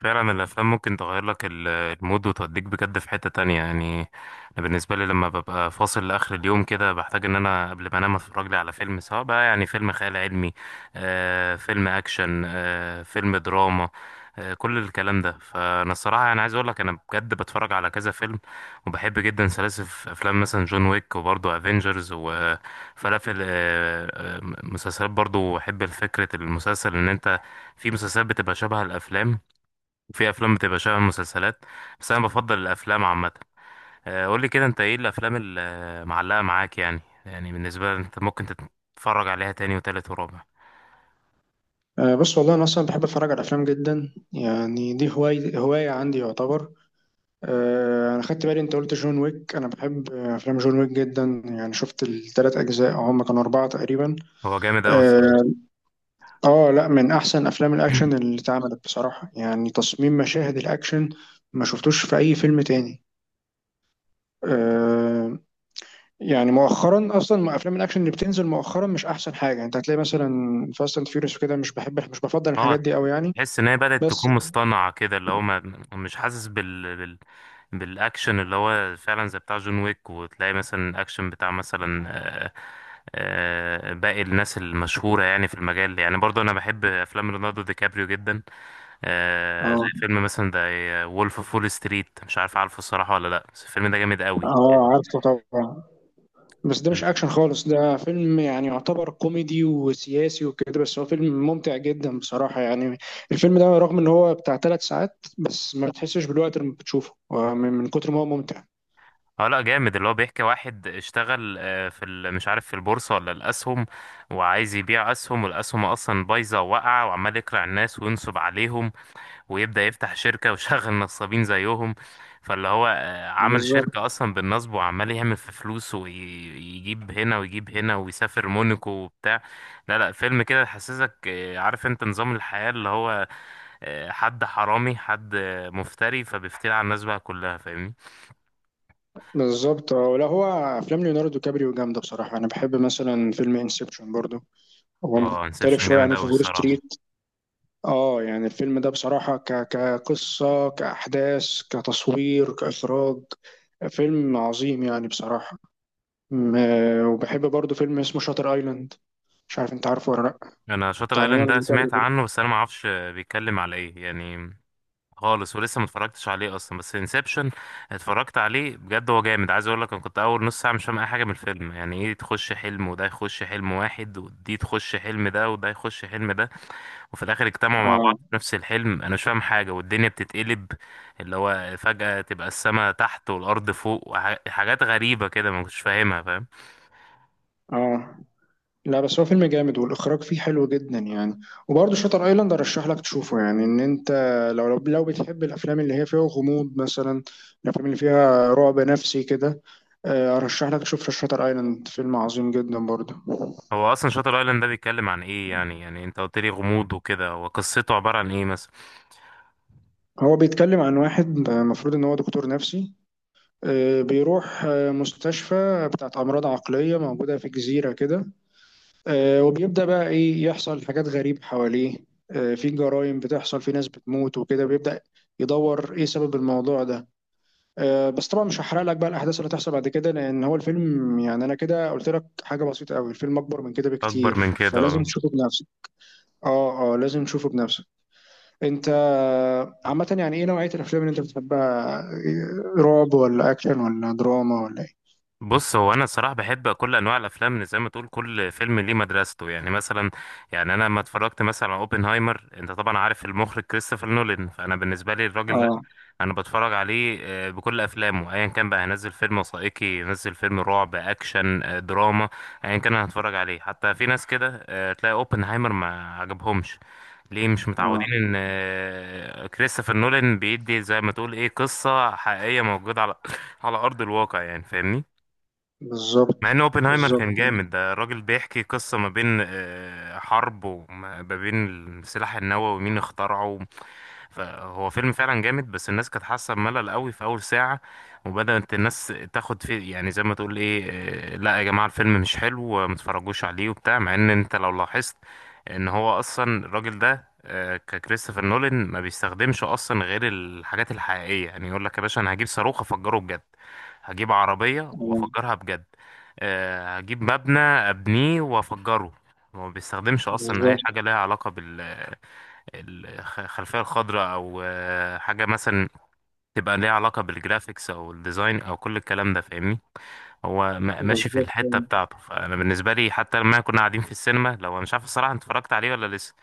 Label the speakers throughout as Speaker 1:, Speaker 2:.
Speaker 1: فعلا الافلام ممكن تغير لك المود وتوديك بجد في حتة تانية يعني. انا بالنسبة لي لما ببقى فاصل لاخر اليوم كده بحتاج ان انا قبل ما انام اتفرج لي على فيلم، سواء بقى يعني فيلم خيال علمي، فيلم اكشن، فيلم دراما، كل الكلام ده. فانا الصراحة يعني عايز اقول لك انا بجد بتفرج على كذا فيلم، وبحب جدا سلاسل في افلام، مثلا جون ويك، وبرضه افنجرز وفلافل مسلسلات برضه، بحب فكرة المسلسل ان انت في مسلسلات بتبقى شبه الافلام، في افلام بتبقى شبه المسلسلات، بس انا بفضل الافلام عامه. قول لي كده، انت ايه الافلام اللي معلقه معاك يعني، يعني بالنسبه لك انت ممكن تتفرج عليها تاني وتالت ورابع؟
Speaker 2: بص، والله أنا أصلا بحب أتفرج على الأفلام جدا، يعني دي هواية هواية عندي يعتبر. أنا خدت بالي أنت قلت جون ويك، أنا بحب أفلام جون ويك جدا، يعني شفت 3 أجزاء أو هما كانوا 4 تقريبا.
Speaker 1: هو جامد قوي
Speaker 2: أه
Speaker 1: الصراحه.
Speaker 2: آه لأ، من أحسن أفلام الأكشن اللي اتعملت بصراحة، يعني تصميم مشاهد الأكشن ما شفتوش في أي فيلم تاني. أه يعني مؤخرا اصلا افلام الاكشن اللي بتنزل مؤخرا مش احسن حاجه، يعني انت هتلاقي مثلا فاست اند فيوريوس وكده، مش بحب مش بفضل الحاجات
Speaker 1: اه،
Speaker 2: دي قوي يعني.
Speaker 1: تحس ان هي بدات
Speaker 2: بس
Speaker 1: تكون مصطنعه كده، اللي هو ما مش حاسس بالاكشن اللي هو فعلا زي بتاع جون ويك، وتلاقي مثلا الاكشن بتاع مثلا، آه، باقي الناس المشهوره يعني في المجال. يعني برضه انا بحب افلام ليوناردو دي كابريو جدا، زي
Speaker 2: اه
Speaker 1: فيلم مثلا ده وولف اوف وول ستريت، مش عارف عارفه الصراحة ولا لا، بس الفيلم ده جامد قوي
Speaker 2: اه،
Speaker 1: يعني.
Speaker 2: عارفه طبعا. بس ده مش اكشن خالص، ده فيلم يعني يعتبر كوميدي وسياسي وكده، بس هو فيلم ممتع جدا بصراحة يعني. الفيلم ده رغم ان هو بتاع 3 ساعات بس ما بتحسش بالوقت لما بتشوفه، من كتر ما هو ممتع.
Speaker 1: اه لا جامد، اللي هو بيحكي واحد اشتغل، مش عارف في البورصة ولا الأسهم، وعايز يبيع أسهم والأسهم أصلا بايظة وواقعة، وعمال يقرع الناس وينصب عليهم، ويبدأ يفتح شركة ويشغل نصابين زيهم. فاللي هو عمل
Speaker 2: بالظبط
Speaker 1: شركة أصلا بالنصب، وعمال يعمل في فلوس ويجيب هنا ويجيب هنا ويسافر مونيكو وبتاع. لا لا، فيلم كده يحسسك عارف انت نظام الحياة، اللي هو حد حرامي، حد مفتري، فبيفتري على الناس بقى كلها، فاهمني.
Speaker 2: بالظبط، ولا هو. افلام ليوناردو كابريو جامدة بصراحة، انا بحب مثلا فيلم انسبشن برضو، هو
Speaker 1: اه
Speaker 2: مختلف
Speaker 1: انسبشن
Speaker 2: شوية عن
Speaker 1: جامد أوي
Speaker 2: وولف
Speaker 1: الصراحة.
Speaker 2: ستريت. اه يعني الفيلم ده بصراحة كقصة كأحداث كتصوير كإخراج، فيلم عظيم يعني بصراحة. وبحب برضو فيلم اسمه شاتر ايلاند، مش عارف انت عارفه ولا لا.
Speaker 1: انا شاطر
Speaker 2: بتاع
Speaker 1: ايلاند
Speaker 2: ليوناردو
Speaker 1: ده
Speaker 2: دي كابريو
Speaker 1: سمعت
Speaker 2: برضو.
Speaker 1: عنه، بس انا ما اعرفش بيتكلم على ايه يعني، خالص، ولسه ما اتفرجتش عليه اصلا. بس انسبشن اتفرجت عليه بجد، هو جامد. عايز اقول لك انا كنت اول نص ساعه مش فاهم اي حاجه من الفيلم، يعني ايه تخش حلم وده يخش حلم واحد ودي تخش حلم ده وده يخش حلم ده، وفي الاخر اجتمعوا مع بعض
Speaker 2: اه
Speaker 1: في نفس الحلم، انا مش فاهم حاجه، والدنيا بتتقلب، اللي هو فجاه تبقى السماء تحت والارض فوق، حاجات غريبه كده ما كنتش فاهمها، فاهم.
Speaker 2: اه، لا بس هو فيلم جامد والاخراج فيه حلو جدا يعني. وبرضو شاتر ايلاند ارشح لك تشوفه، يعني ان انت لو بتحب الافلام اللي هي فيها غموض مثلا، الافلام اللي فيها رعب نفسي كده، ارشح لك تشوف شاتر ايلاند، فيلم عظيم جدا برضو.
Speaker 1: هو اصلا شاتر ايلاند ده بيتكلم عن ايه يعني؟ يعني انت قلت لي غموض وكده، وقصته عباره عن ايه مثلا؟
Speaker 2: هو بيتكلم عن واحد المفروض ان هو دكتور نفسي، بيروح مستشفى بتاعت امراض عقلية موجودة في جزيرة كده. وبيبدأ بقى إيه يحصل حاجات غريبة حواليه، في جرائم بتحصل، في ناس بتموت وكده، بيبدأ يدور إيه سبب الموضوع ده. بس طبعا مش هحرق لك بقى الأحداث اللي هتحصل بعد كده، لأن هو الفيلم يعني أنا كده قلت لك حاجة بسيطة أوي، الفيلم أكبر من كده
Speaker 1: اكبر من
Speaker 2: بكتير،
Speaker 1: كده
Speaker 2: فلازم
Speaker 1: آه.
Speaker 2: تشوفه بنفسك. آه آه، لازم تشوفه بنفسك. أنت عامة يعني إيه نوعية الأفلام اللي أنت بتحبها، إيه، رعب ولا أكشن ولا دراما ولا إيه؟
Speaker 1: بص، هو انا الصراحه بحب كل انواع الافلام، إن زي ما تقول كل فيلم ليه مدرسته. يعني مثلا، يعني انا لما اتفرجت مثلا على اوبنهايمر، انت طبعا عارف المخرج كريستوفر نولان، فانا بالنسبه لي الراجل ده
Speaker 2: آه
Speaker 1: انا بتفرج عليه بكل افلامه ايا كان، بقى هنزل فيلم وثائقي، ينزل فيلم رعب، اكشن، دراما، ايا كان انا هتفرج عليه. حتى في ناس كده تلاقي اوبنهايمر ما عجبهمش، ليه؟ مش
Speaker 2: آه
Speaker 1: متعودين ان كريستوفر نولان بيدي زي ما تقول ايه، قصه حقيقيه موجوده على على ارض الواقع يعني، فاهمني.
Speaker 2: بالظبط
Speaker 1: مع ان اوبنهايمر
Speaker 2: بالظبط.
Speaker 1: كان جامد، ده الراجل بيحكي قصة ما بين حرب، وما ما بين السلاح النووي ومين اخترعه. فهو فيلم فعلا جامد، بس الناس كانت حاسة بملل قوي في اول ساعة، وبدأت الناس تاخد فيه، يعني زي ما تقول ايه لا يا جماعة الفيلم مش حلو، ما تتفرجوش عليه وبتاع. مع ان انت لو لاحظت ان هو اصلا الراجل ده ككريستوفر نولان ما بيستخدمش اصلا غير الحاجات الحقيقية، يعني يقول لك يا باشا انا هجيب صاروخ افجره بجد، هجيب عربية
Speaker 2: آه،
Speaker 1: وافجرها بجد، هجيب مبنى ابنيه وافجره. هو ما بيستخدمش اصلا اي
Speaker 2: بالظبط
Speaker 1: حاجه لها علاقه بالخلفيه الخضراء، او حاجه مثلا تبقى ليها علاقه بالجرافيكس او الديزاين او كل الكلام ده، فاهمني. هو ماشي في
Speaker 2: بالظبط.
Speaker 1: الحته بتاعته، فانا بالنسبه لي حتى لما كنا قاعدين في السينما، لو انا مش عارف الصراحه انت اتفرجت عليه ولا لسه.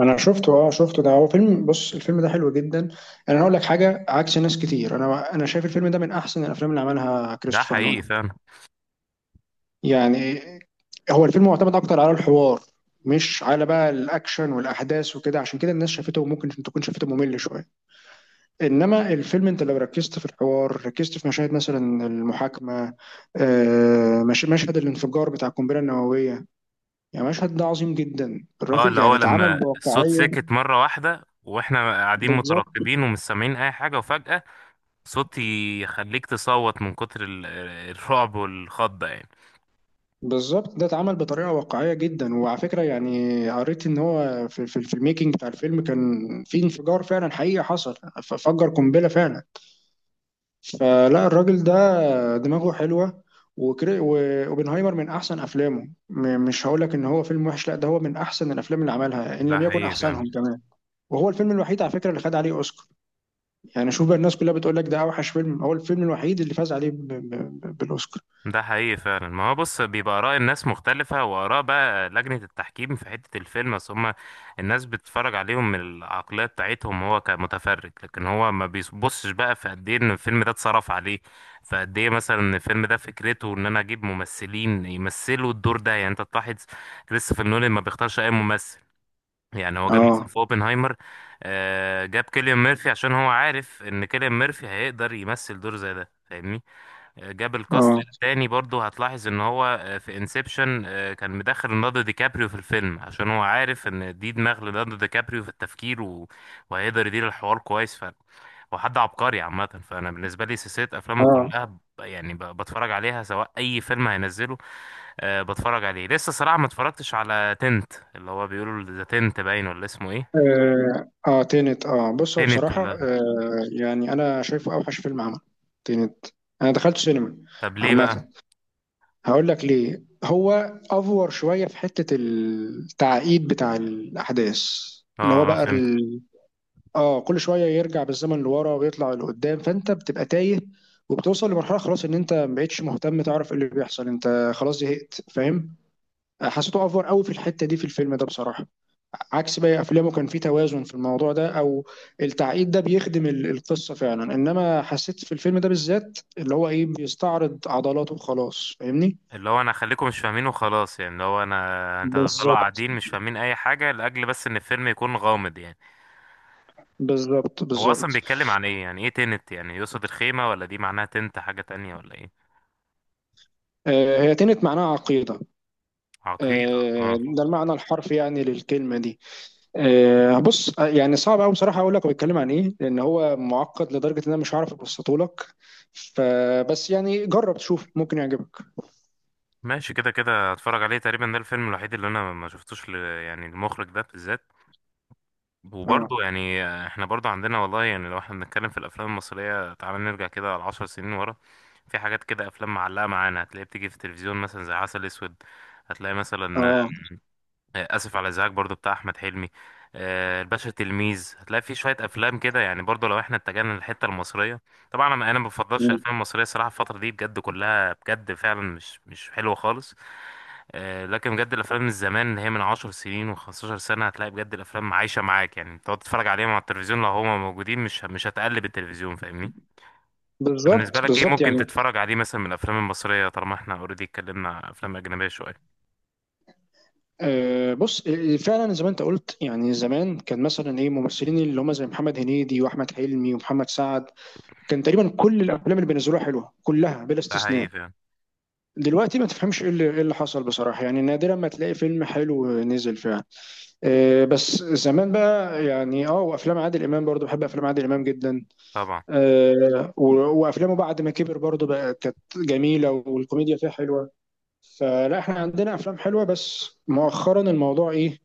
Speaker 2: انا شفته اه شفته، ده هو فيلم، بص الفيلم ده حلو جدا. انا هقول لك حاجه عكس ناس كتير، انا شايف الفيلم ده من احسن الافلام اللي عملها
Speaker 1: ده
Speaker 2: كريستوفر
Speaker 1: حقيقي
Speaker 2: نولان
Speaker 1: فعلا.
Speaker 2: يعني. هو الفيلم معتمد اكتر على الحوار، مش على بقى الاكشن والاحداث وكده، عشان كده الناس شافته وممكن تكون شافته ممل شويه. انما الفيلم انت لو ركزت في الحوار، ركزت في مشاهد مثلا المحاكمه، مشهد الانفجار بتاع القنبله النوويه، يعني مشهد ده عظيم جدا
Speaker 1: اه،
Speaker 2: الرغم
Speaker 1: اللي
Speaker 2: يعني
Speaker 1: هو
Speaker 2: اتعمل
Speaker 1: لما الصوت
Speaker 2: بواقعيه.
Speaker 1: سكت مره واحده، واحنا قاعدين
Speaker 2: بالظبط
Speaker 1: مترقبين ومش سامعين اي حاجه، وفجاه صوتي يخليك تصوت من كتر الرعب والخضة يعني.
Speaker 2: بالظبط، ده اتعمل بطريقه واقعيه جدا. وعلى فكره يعني قريت ان هو في الميكنج بتاع الفيلم كان في انفجار فعلا حقيقي حصل. فجر قنبله فعلا. فلا الراجل ده دماغه حلوه. وبنهايمر من احسن افلامه. مش هقول لك ان هو فيلم وحش، لا ده هو من احسن الافلام اللي عملها ان
Speaker 1: ده
Speaker 2: لم يكن
Speaker 1: حقيقي
Speaker 2: احسنهم
Speaker 1: فعلا.
Speaker 2: كمان. وهو الفيلم الوحيد على فكره اللي خد عليه اوسكار. يعني شوف بقى الناس كلها بتقول لك ده اوحش فيلم، هو الفيلم الوحيد اللي فاز عليه بالاوسكار.
Speaker 1: ده حقيقي فعلا، ما هو بص بيبقى آراء الناس مختلفة، وآراء بقى لجنة التحكيم في حتة الفيلم. بس هما الناس بتتفرج عليهم من العقلية بتاعتهم هو كمتفرج، لكن هو ما بيبصش بقى في قد ايه ان الفيلم ده اتصرف عليه، فقد ايه مثلا ان الفيلم ده فكرته ان انا اجيب ممثلين يمثلوا الدور ده. يعني انت تلاحظ كريستوفر نولان ما بيختارش اي ممثل، يعني هو جاب مثلا
Speaker 2: اه
Speaker 1: في اوبنهايمر جاب كيليان ميرفي عشان هو عارف ان كيليان ميرفي هيقدر يمثل دور زي ده، فاهمني. جاب الكاست
Speaker 2: اه
Speaker 1: التاني برضو، هتلاحظ ان هو في انسبشن كان مدخل ليوناردو دي كابريو في الفيلم، عشان هو عارف ان دي دماغ ليوناردو دي كابريو في التفكير و... وهيقدر يدير الحوار كويس. ف هو حد عبقري عامة، فأنا بالنسبة لي سلسلة أفلامه
Speaker 2: اه
Speaker 1: كلها بتفرج عليها سواء أي فيلم هينزله. أه بتفرج عليه. لسه صراحة ما اتفرجتش على تنت، اللي هو بيقولوا ذا تنت، باين ولا اسمه ايه،
Speaker 2: اه، تينت. اه بص هو
Speaker 1: تنت
Speaker 2: بصراحة
Speaker 1: ولا؟
Speaker 2: يعني انا شايفه اوحش فيلم عمل تينت. انا دخلت سينما.
Speaker 1: طب ليه بقى؟
Speaker 2: عامة هقول لك ليه. هو افور شوية في حتة التعقيد بتاع الاحداث، اللي هو
Speaker 1: اه اه
Speaker 2: بقى
Speaker 1: فهمت.
Speaker 2: اه كل شوية يرجع بالزمن لورا ويطلع لقدام، فانت بتبقى تايه، وبتوصل لمرحلة خلاص ان انت ما بقتش مهتم تعرف ايه اللي بيحصل، انت خلاص زهقت فاهم. حسيته افور قوي في الحتة دي في الفيلم ده بصراحة. عكس باقي افلامه كان في توازن في الموضوع ده، او التعقيد ده بيخدم القصه فعلا، انما حسيت في الفيلم ده بالذات اللي هو ايه بيستعرض عضلاته وخلاص فاهمني.
Speaker 1: اللي هو انا خليكم مش فاهمين وخلاص يعني، اللي هو انا انت هتفضلوا
Speaker 2: بالظبط
Speaker 1: قاعدين مش فاهمين اي حاجة لاجل بس ان الفيلم يكون غامض يعني.
Speaker 2: بالظبط
Speaker 1: هو اصلا
Speaker 2: بالظبط.
Speaker 1: بيتكلم عن ايه؟ يعني ايه تنت؟ يعني يقصد الخيمة، ولا دي معناها تنت حاجة تانية ولا ايه؟
Speaker 2: هي تنت معناها عقيده.
Speaker 1: عقيدة
Speaker 2: آه
Speaker 1: اه.
Speaker 2: ده المعنى الحرفي يعني للكلمه دي. بص يعني صعب قوي بصراحه اقول لك هو بيتكلم عن ايه، لان هو معقد لدرجه ان انا مش هعرف ابسطه لك، فبس يعني جرب تشوف ممكن يعجبك.
Speaker 1: ماشي، كده كده هتفرج عليه تقريبا، ده الفيلم الوحيد اللي انا ما شفتوش يعني المخرج ده بالذات.
Speaker 2: اه
Speaker 1: وبرضه يعني احنا برضه عندنا والله، يعني لو احنا بنتكلم في الافلام المصريه، تعالى نرجع كده على 10 سنين ورا، في حاجات كده افلام معلقه معانا، هتلاقيها بتيجي في التلفزيون مثلا زي عسل اسود، هتلاقي مثلا
Speaker 2: اه
Speaker 1: اسف على الازعاج برضه بتاع احمد حلمي، الباشا تلميذ، هتلاقي في شويه افلام كده يعني، برضه لو احنا اتجهنا للحته المصريه. طبعا انا ما بفضلش الافلام المصريه صراحه، الفتره دي بجد كلها بجد فعلا مش حلوه خالص. لكن بجد الافلام من زمان، اللي هي من عشر سنين وخمستاشر سنه، هتلاقي بجد الافلام عايشه معاك، يعني تقعد تتفرج عليهم على التلفزيون لو هما موجودين، مش هتقلب التلفزيون، فاهمني. طب بالنسبه
Speaker 2: بالظبط
Speaker 1: لك ايه
Speaker 2: بالظبط
Speaker 1: ممكن
Speaker 2: يعني.
Speaker 1: تتفرج عليه مثلا من الافلام المصريه، طالما احنا اوريدي اتكلمنا عن افلام اجنبيه شويه؟
Speaker 2: بص فعلا زي ما انت قلت، يعني زمان كان مثلا ايه ممثلين اللي هم زي محمد هنيدي واحمد حلمي ومحمد سعد، كان تقريبا كل الافلام اللي بينزلوها حلوه كلها بلا
Speaker 1: ده حقيقي
Speaker 2: استثناء.
Speaker 1: فعلا.
Speaker 2: دلوقتي ما تفهمش ايه اللي إيه اللي حصل بصراحه، يعني نادرا ما تلاقي فيلم حلو نزل فعلا. بس زمان بقى يعني، وافلام عادل امام برضو، بحب افلام عادل امام جدا.
Speaker 1: طبعا.
Speaker 2: آه، و- وافلامه بعد ما كبر برضو بقى كانت جميله والكوميديا فيها حلوه. فلا احنا عندنا افلام حلوه، بس مؤخرا الموضوع ايه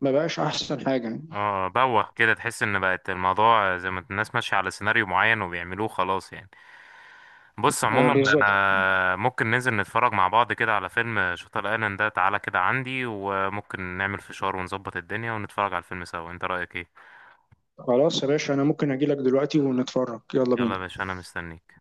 Speaker 2: ما بقاش احسن حاجه.
Speaker 1: اه بوخ كده، تحس ان بقت الموضوع زي ما الناس ماشيه على سيناريو معين وبيعملوه خلاص يعني. بص عموما
Speaker 2: بالظبط.
Speaker 1: انا ممكن ننزل نتفرج مع بعض كده على فيلم شطر ايلاند ده، تعالى كده عندي، وممكن نعمل فشار ونظبط الدنيا ونتفرج على الفيلم سوا، انت رأيك ايه؟
Speaker 2: خلاص يا باشا، انا ممكن اجي لك دلوقتي ونتفرج، يلا
Speaker 1: يلا يا
Speaker 2: بينا.
Speaker 1: باشا انا مستنيك.